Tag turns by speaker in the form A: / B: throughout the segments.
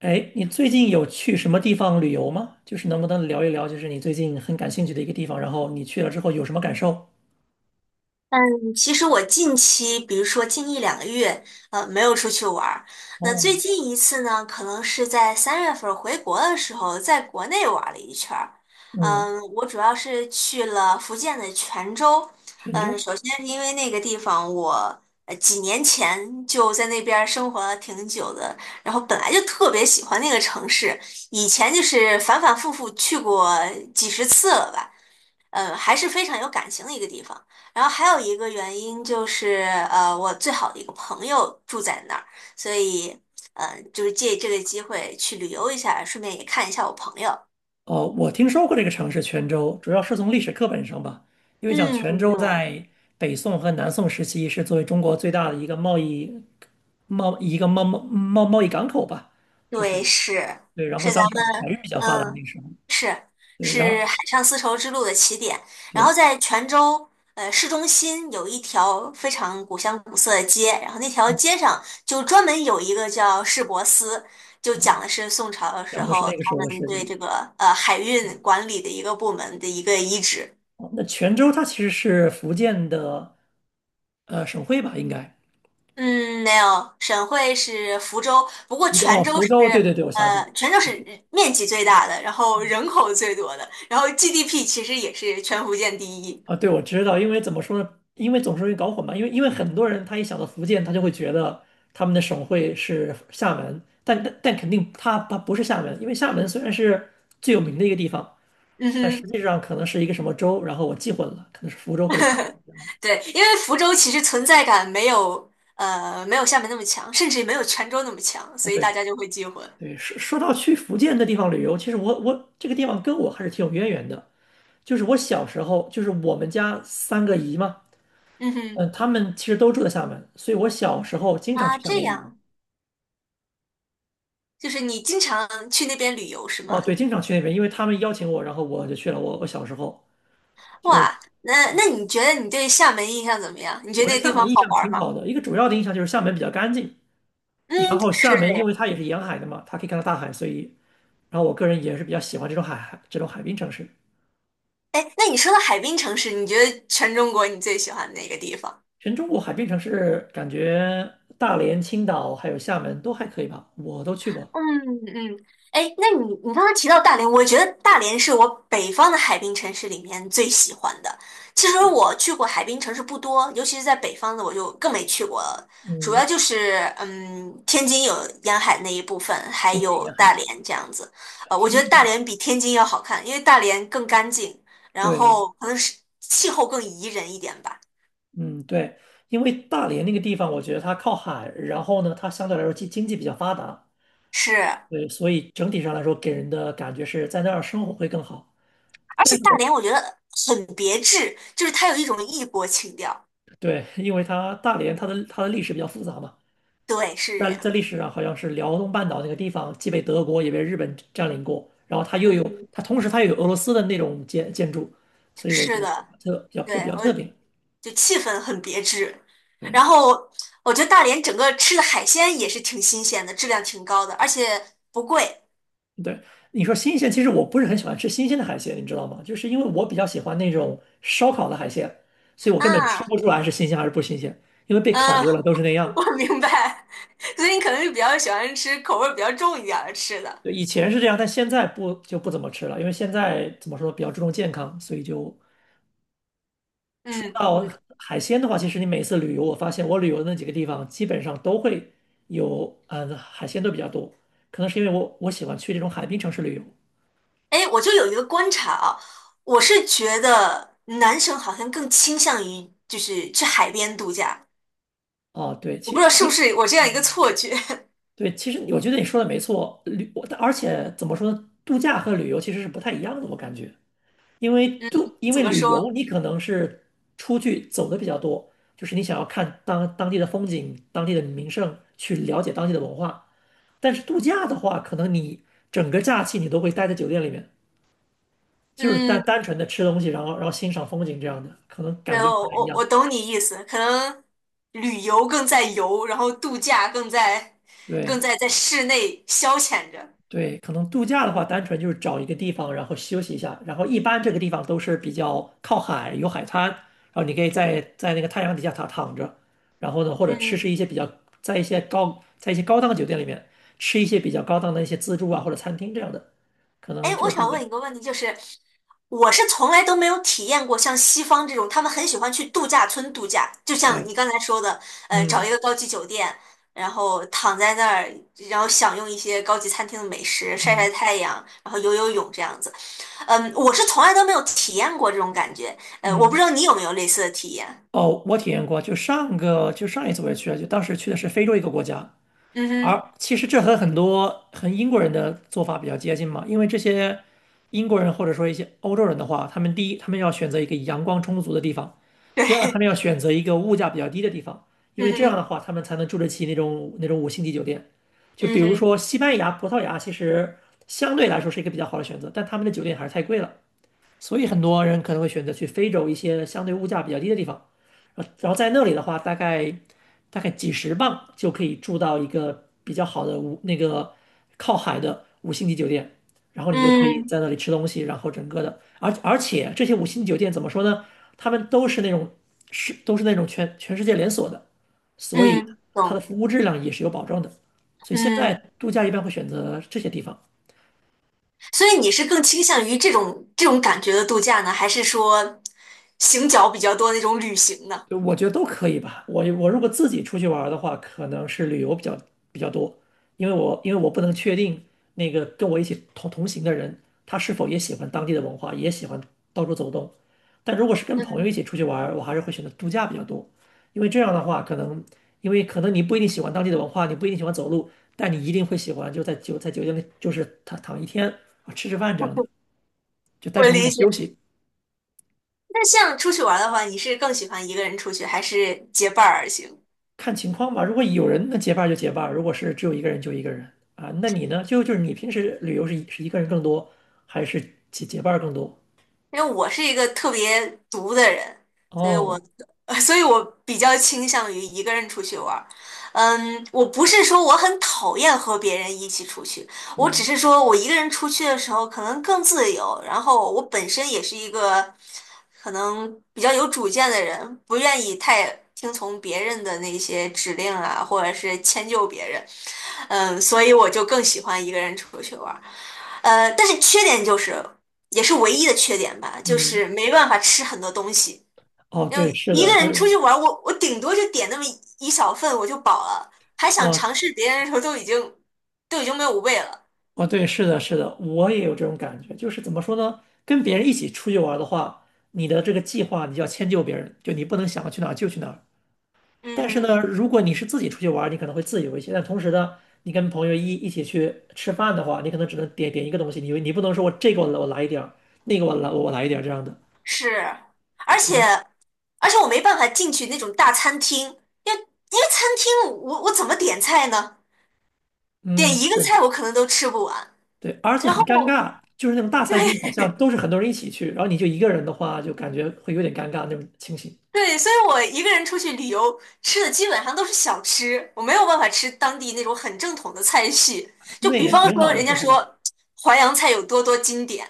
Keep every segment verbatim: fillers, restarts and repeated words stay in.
A: 哎，你最近有去什么地方旅游吗？就是能不能聊一聊，就是你最近很感兴趣的一个地方，然后你去了之后有什么感受？
B: 嗯，其实我近期，比如说近一两个月，呃，没有出去玩儿。那最
A: 哦，
B: 近一次呢，可能是在三月份儿回国的时候，在国内玩儿了一圈儿。
A: 嗯，
B: 嗯，我主要是去了福建的泉州。
A: 泉
B: 嗯，
A: 州。
B: 首先是因为那个地方我呃几年前就在那边儿生活了挺久的，然后本来就特别喜欢那个城市，以前就是反反复复去过几十次了吧。呃，还是非常有感情的一个地方。然后还有一个原因就是，呃，我最好的一个朋友住在那儿，所以，嗯，就是借这个机会去旅游一下，顺便也看一下我朋友。
A: 哦，我听说过这个城市泉州，主要是从历史课本上吧，因为讲
B: 嗯，
A: 泉州
B: 对，
A: 在北宋和南宋时期是作为中国最大的一个贸易贸一个贸贸贸贸易港口吧，就是
B: 对，是
A: 对，然
B: 是
A: 后当
B: 咱
A: 时
B: 们
A: 还是比较发达那
B: 嗯。
A: 个时候，
B: 是
A: 对，然后
B: 是海上丝绸之路的起点，然后
A: 对，
B: 在泉州呃市中心有一条非常古香古色的街，然后那条街上就专门有一个叫市舶司，就讲
A: 嗯，
B: 的是宋朝的时
A: 讲的是
B: 候
A: 那个时
B: 他
A: 候的
B: 们
A: 事
B: 对
A: 情。
B: 这个呃海运管理的一个部门的一个遗址。
A: 哦那泉州它其实是福建的呃省会吧，应该。
B: 嗯，没有，省会是福州，不过
A: 福州
B: 泉
A: 哦，
B: 州
A: 福
B: 是
A: 州，对对对，我想起来了，
B: 呃泉州
A: 我
B: 是
A: 知
B: 面积最大的，然后人口最多的，然后 G D P 其实也是全福建第一。
A: 啊，对，我知道，因为怎么说呢？因为总是容易搞混嘛，因为因为很多人他一想到福建，他就会觉得他们的省会是厦门，但但但肯定他他不是厦门，因为厦门虽然是最有名的一个地方，
B: 嗯
A: 但实
B: 哼。
A: 际上可能是一个什么州，然后我记混了，可能是福州或者泉
B: 对，因为福州其实存在感没有呃没有厦门那么强，甚至也没有泉州那么强，
A: 啊，
B: 所以大
A: 对
B: 家就会记混。
A: 对，说说到去福建的地方旅游，其实我我这个地方跟我还是挺有渊源的。就是我小时候，就是我们家三个姨嘛，
B: 嗯
A: 嗯，
B: 哼，
A: 他们其实都住在厦门，所以我小时候经常
B: 啊，
A: 去厦
B: 这
A: 门旅游。
B: 样，就是你经常去那边旅游是
A: 哦，对，
B: 吗？
A: 经常去那边，因为他们邀请我，然后我就去了。我我小时候就
B: 哇，那那你觉得你对厦门印象怎么样？你觉得
A: 我对
B: 那个地
A: 厦
B: 方
A: 门印
B: 好
A: 象
B: 玩
A: 挺好
B: 吗？
A: 的，一个主要的印象就是厦门比较干净，然
B: 嗯，
A: 后
B: 是
A: 厦门
B: 这
A: 因
B: 样。
A: 为它也是沿海的嘛，它可以看到大海，所以然后我个人也是比较喜欢这种海海这种海滨城市。
B: 哎，那你说到海滨城市，你觉得全中国你最喜欢哪个地方？
A: 全中国海滨城市感觉大连、青岛还有厦门都还可以吧，我都去过。
B: 嗯嗯，哎，那你你刚才提到大连，我觉得大连是我北方的海滨城市里面最喜欢的。其实我去过海滨城市不多，尤其是在北方的，我就更没去过了。主要
A: 嗯，
B: 就是嗯，天津有沿海那一部分，还
A: 天津
B: 有
A: 沿海，
B: 大连这样子。呃，我
A: 天
B: 觉
A: 津
B: 得
A: 沿
B: 大
A: 海，
B: 连比天津要好看，因为大连更干净，然
A: 对，
B: 后可能是气候更宜人一点吧。
A: 嗯，对，因为大连那个地方，我觉得它靠海，然后呢，它相对来说经经济比较发达，
B: 是，
A: 对，所以整体上来说给人的感觉是在那儿生活会更好。
B: 而且
A: 但是
B: 大
A: 我
B: 连我觉得很别致，就是它有一种异国情调。
A: 对，因为它大连它的它的历史比较复杂嘛，
B: 对，是。这
A: 在在
B: 样。
A: 历史上好像是辽东半岛那个地方既被德国也被日本占领过，然后它又有
B: 嗯，
A: 它同时它又有俄罗斯的那种建建筑，所以我觉
B: 是
A: 得
B: 的，
A: 特比较就
B: 对，
A: 比较
B: 我
A: 特别。
B: 就气氛很别致。
A: 对，
B: 然后我觉得大连整个吃的海鲜也是挺新鲜的，质量挺高的，而且不贵
A: 对，你说新鲜，其实我不是很喜欢吃新鲜的海鲜，你知道吗？就是因为我比较喜欢那种烧烤的海鲜，所以我根本吃
B: 啊。
A: 不出来是新鲜还是不新鲜，因为被烤
B: 嗯，
A: 过了都是那 样。
B: 我明白，所以你可能是比较喜欢吃口味儿比较重一点儿的吃的。
A: 对，以前是这样，但现在不就不怎么吃了，因为现在怎么说比较注重健康，所以就
B: 嗯
A: 到
B: 嗯，
A: 海鲜的话，其实你每次旅游，我发现我旅游的那几个地方基本上都会有，嗯，海鲜都比较多，可能是因为我我喜欢去这种海滨城市旅游。
B: 哎，我就有一个观察啊，我是觉得男生好像更倾向于就是去海边度假，
A: 哦，对，
B: 我不知
A: 其
B: 道是不
A: 其
B: 是我这样一个错觉。
A: 对，其实我觉得你说的没错，旅我而且怎么说呢，度假和旅游其实是不太一样的，我感觉，因为
B: 嗯，
A: 度因
B: 怎
A: 为
B: 么
A: 旅
B: 说？
A: 游你可能是出去走的比较多，就是你想要看当当地的风景、当地的名胜，去了解当地的文化。但是度假的话，可能你整个假期你都会待在酒店里面，就是单
B: 嗯。
A: 单纯的吃东西，然后然后欣赏风景这样的，可能感
B: 然
A: 觉不
B: 后
A: 太一
B: 我我
A: 样。
B: 懂你意思，可能旅游更在游，然后度假更在更
A: 对。
B: 在在室内消遣着。
A: 对，可能度假的话，单纯就是找一个地方，然后休息一下。然后一般这个地方都是比较靠海，有海滩，然后你可以在在那个太阳底下躺躺着，然后呢，或者吃
B: 嗯，
A: 吃一些比较在一些高在一些高档酒店里面吃一些比较高档的一些自助啊或者餐厅这样的，可能
B: 哎，
A: 这
B: 我
A: 个度
B: 想
A: 假。
B: 问一个问题，就是我是从来都没有体验过像西方这种，他们很喜欢去度假村度假，就像
A: 对，
B: 你刚才说的，呃，找一
A: 嗯
B: 个高级酒店，然后躺在那儿，然后享用一些高级餐厅的美食，晒
A: 嗯
B: 晒太阳，然后游游泳这样子。嗯，我是从来都没有体验过这种感觉，呃，我不知
A: 嗯。
B: 道你有没有类似的体验。
A: 哦，我体验过，就上个就上一次我也去了，就当时去的是非洲一个国家，
B: 嗯哼，
A: 而其实这和很多和英国人的做法比较接近嘛，因为这些英国人或者说一些欧洲人的话，他们第一，他们要选择一个阳光充足的地方；
B: 对，
A: 第二，他 们要选择一个物价比较低的地方，因
B: 嗯
A: 为这样的
B: 哼，
A: 话，他们才能住得起那种那种五星级酒店。就
B: 嗯
A: 比如
B: 哼，
A: 说西班牙、葡萄牙，其实相对来说是一个比较好的选择，但他们的酒店还是太贵了。所以很多人可能会选择去非洲一些相对物价比较低的地方，呃然后在那里的话，大概大概几十磅就可以住到一个比较好的五那个靠海的五星级酒店，然后你就可以
B: 嗯
A: 在那里吃东西，然后整个的，而而且这些五星级酒店怎么说呢？他们都是那种是都是那种全全世界连锁的，所以
B: 嗯
A: 它的
B: 懂，
A: 服务质量也是有保证的，所以现在
B: 嗯，
A: 度假一般会选择这些地方。
B: 所以你是更倾向于这种这种感觉的度假呢，还是说行脚比较多的那种旅行呢？
A: 对我觉得都可以吧。我我如果自己出去玩儿的话，可能是旅游比较比较多，因为我因为我不能确定那个跟我一起同同行的人，他是否也喜欢当地的文化，也喜欢到处走动。但如果是跟朋友一
B: 嗯，
A: 起出去玩儿，我还是会选择度假比较多，因为这样的话，可能因为可能你不一定喜欢当地的文化，你不一定喜欢走路，但你一定会喜欢就在酒在酒店里就是躺躺一天啊，吃吃饭这样的，就
B: 我
A: 单纯为
B: 理
A: 了
B: 解。
A: 休息。
B: 那像出去玩儿的话，你是更喜欢一个人出去，还是结伴儿而行？
A: 看情况吧。如果有人那结伴儿就结伴儿，如果是只有一个人就一个人啊。那你呢？就就是你平时旅游是一是一个人更多，还是结结伴儿更多？
B: 因为我是一个特别独的人，所以我，
A: 哦，
B: 所以我比较倾向于一个人出去玩儿。嗯，我不是说我很讨厌和别人一起出去，我只
A: 嗯
B: 是说我一个人出去的时候可能更自由，然后我本身也是一个可能比较有主见的人，不愿意太听从别人的那些指令啊，或者是迁就别人。嗯，所以我就更喜欢一个人出去玩儿。呃，但是缺点就是。也是唯一的缺点吧，就是
A: 嗯，
B: 没办法吃很多东西。
A: 哦
B: 因
A: 对，
B: 为
A: 是
B: 一
A: 的，
B: 个
A: 就
B: 人出去
A: 是
B: 玩儿我我顶多就点那么一小份我就饱了，还想
A: 哦
B: 尝试别人的时候都已经都已经没有胃了。
A: 哦对，是的，是的，我也有这种感觉。就是怎么说呢？跟别人一起出去玩儿的话，你的这个计划你就要迁就别人，就你不能想去哪儿就去哪儿。
B: 嗯
A: 但是
B: 哼，
A: 呢，如果你是自己出去玩你可能会自由一些。但同时呢，你跟朋友一一起去吃饭的话，你可能只能点点一个东西，你你不能说我这个我来我来一点儿，那个我来我来一点儿这样的，
B: 是，而
A: 可
B: 且
A: 能
B: 而且我没办法进去那种大餐厅，因为因为餐厅我我怎么点菜呢？点
A: 嗯
B: 一个
A: 对
B: 菜我可能都吃不完，
A: 对，而且
B: 然后
A: 很尴尬，就是那种大餐厅好像都是很多人一起去，然后你就一个人的话，就感觉会有点尴尬那种情形。
B: 对，所以我一个人出去旅游，吃的基本上都是小吃，我没有办法吃当地那种很正统的菜系。就
A: 那
B: 比
A: 也
B: 方
A: 挺
B: 说，
A: 好的，
B: 人家
A: 说实话。
B: 说淮扬菜有多多经典，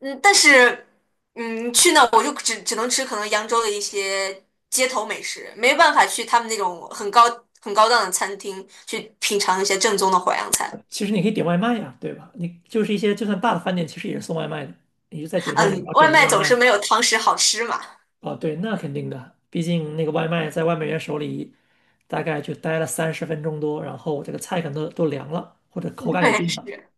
B: 嗯，但是，嗯，去那我就只只能吃可能扬州的一些街头美食，没办法去他们那种很高很高档的餐厅去品尝一些正宗的淮扬菜。
A: 其实你可以点外卖呀，对吧？你就是一些就算大的饭店，其实也是送外卖的，你就在酒店里然
B: 嗯，
A: 后
B: 外
A: 点个
B: 卖
A: 外
B: 总是
A: 卖，
B: 没有堂食好吃嘛。
A: 哦，对，那肯定的，毕竟那个外卖在外卖员手里大概就待了三十分钟多，然后这个菜可能都都凉了，或者口 感也
B: 对，
A: 变了，
B: 是，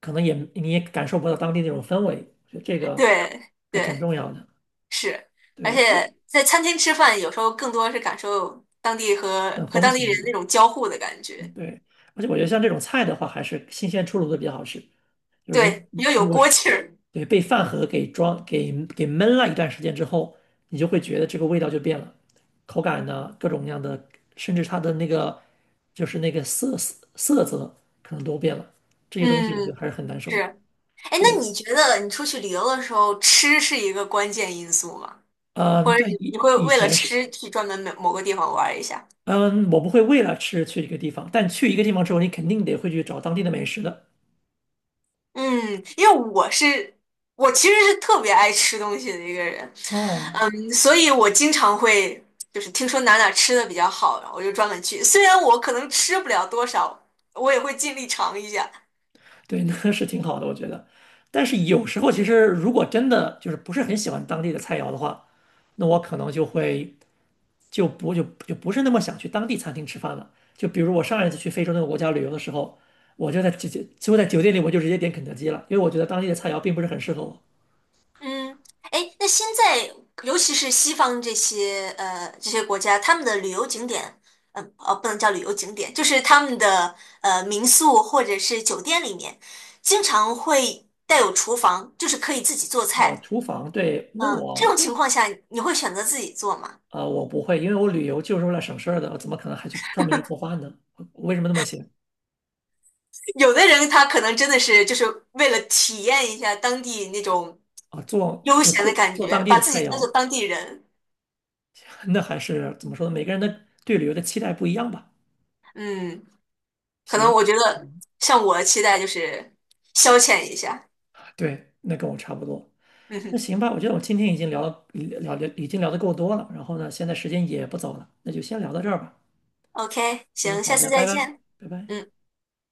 A: 可能也你也感受不到当地那种氛围，我觉得这个
B: 对
A: 还挺
B: 对。
A: 重要的。
B: 是，而
A: 对，
B: 且
A: 这
B: 在餐厅吃饭，有时候更多是感受当地和
A: 那
B: 和
A: 风
B: 当地人
A: 情。
B: 那种交互的感觉，
A: 对，而且我觉得像这种菜的话，还是新鲜出炉的比较好吃。就如
B: 对，又
A: 如
B: 有
A: 果是
B: 锅气儿。
A: 对被饭盒给装给给闷了一段时间之后，你就会觉得这个味道就变了，口感呢，各种各样的，甚至它的那个就是那个色色色泽可能都变了。这些东西我觉得
B: 嗯，
A: 还是很难受的。
B: 是。哎，
A: 就
B: 那你觉得你出去旅游的时候，吃是一个关键因素吗？
A: 嗯，
B: 或者
A: 对，
B: 你你
A: 以
B: 会
A: 以
B: 为了
A: 前是，
B: 吃去专门某某个地方玩儿一下？
A: 嗯，我不会为了吃去一个地方，但去一个地方之后，你肯定得会去找当地的美食的。
B: 嗯，因为我是我其实是特别爱吃东西的一个人，
A: 哦，
B: 嗯，所以我经常会就是听说哪哪吃的比较好，然后我就专门去。虽然我可能吃不了多少，我也会尽力尝一下。
A: 对，那是挺好的，我觉得。但是有时候，其实如果真的就是不是很喜欢当地的菜肴的话，那我可能就会就不就就不是那么想去当地餐厅吃饭了。就比如我上一次去非洲那个国家旅游的时候，我就在直接就在酒店里，我就直接点肯德基了，因为我觉得当地的菜肴并不是很适合我。
B: 嗯，哎，那现在尤其是西方这些呃这些国家，他们的旅游景点，嗯呃，哦不能叫旅游景点，就是他们的呃民宿或者是酒店里面，经常会带有厨房，就是可以自己做
A: 哦，
B: 菜。
A: 厨房，对，那
B: 嗯，这
A: 我
B: 种
A: 那
B: 情况下你会选择自己做吗？
A: 啊、呃我不会，因为我旅游就是为了省事儿的，我怎么可能还去专门去做饭呢？我为什么那么写
B: 有的人他可能真的是就是为了体验一下当地那种
A: 啊？做
B: 悠
A: 就
B: 闲的
A: 做
B: 感
A: 做
B: 觉，
A: 当地
B: 把
A: 的
B: 自己
A: 菜
B: 当做
A: 肴。
B: 当地人。
A: 那还是怎么说呢？每个人的对旅游的期待不一样吧。
B: 嗯，可能
A: 行，
B: 我觉得像我的期待就是消遣一下。
A: 对，那跟我差不多。
B: 嗯
A: 那
B: 哼
A: 行吧，我觉得我今天已经聊了聊聊已经聊得够多了，然后呢，现在时间也不早了，那就先聊到这儿吧。
B: ，OK，
A: 行，
B: 行，下
A: 好
B: 次
A: 的，拜
B: 再
A: 拜，
B: 见。
A: 拜拜。
B: 嗯。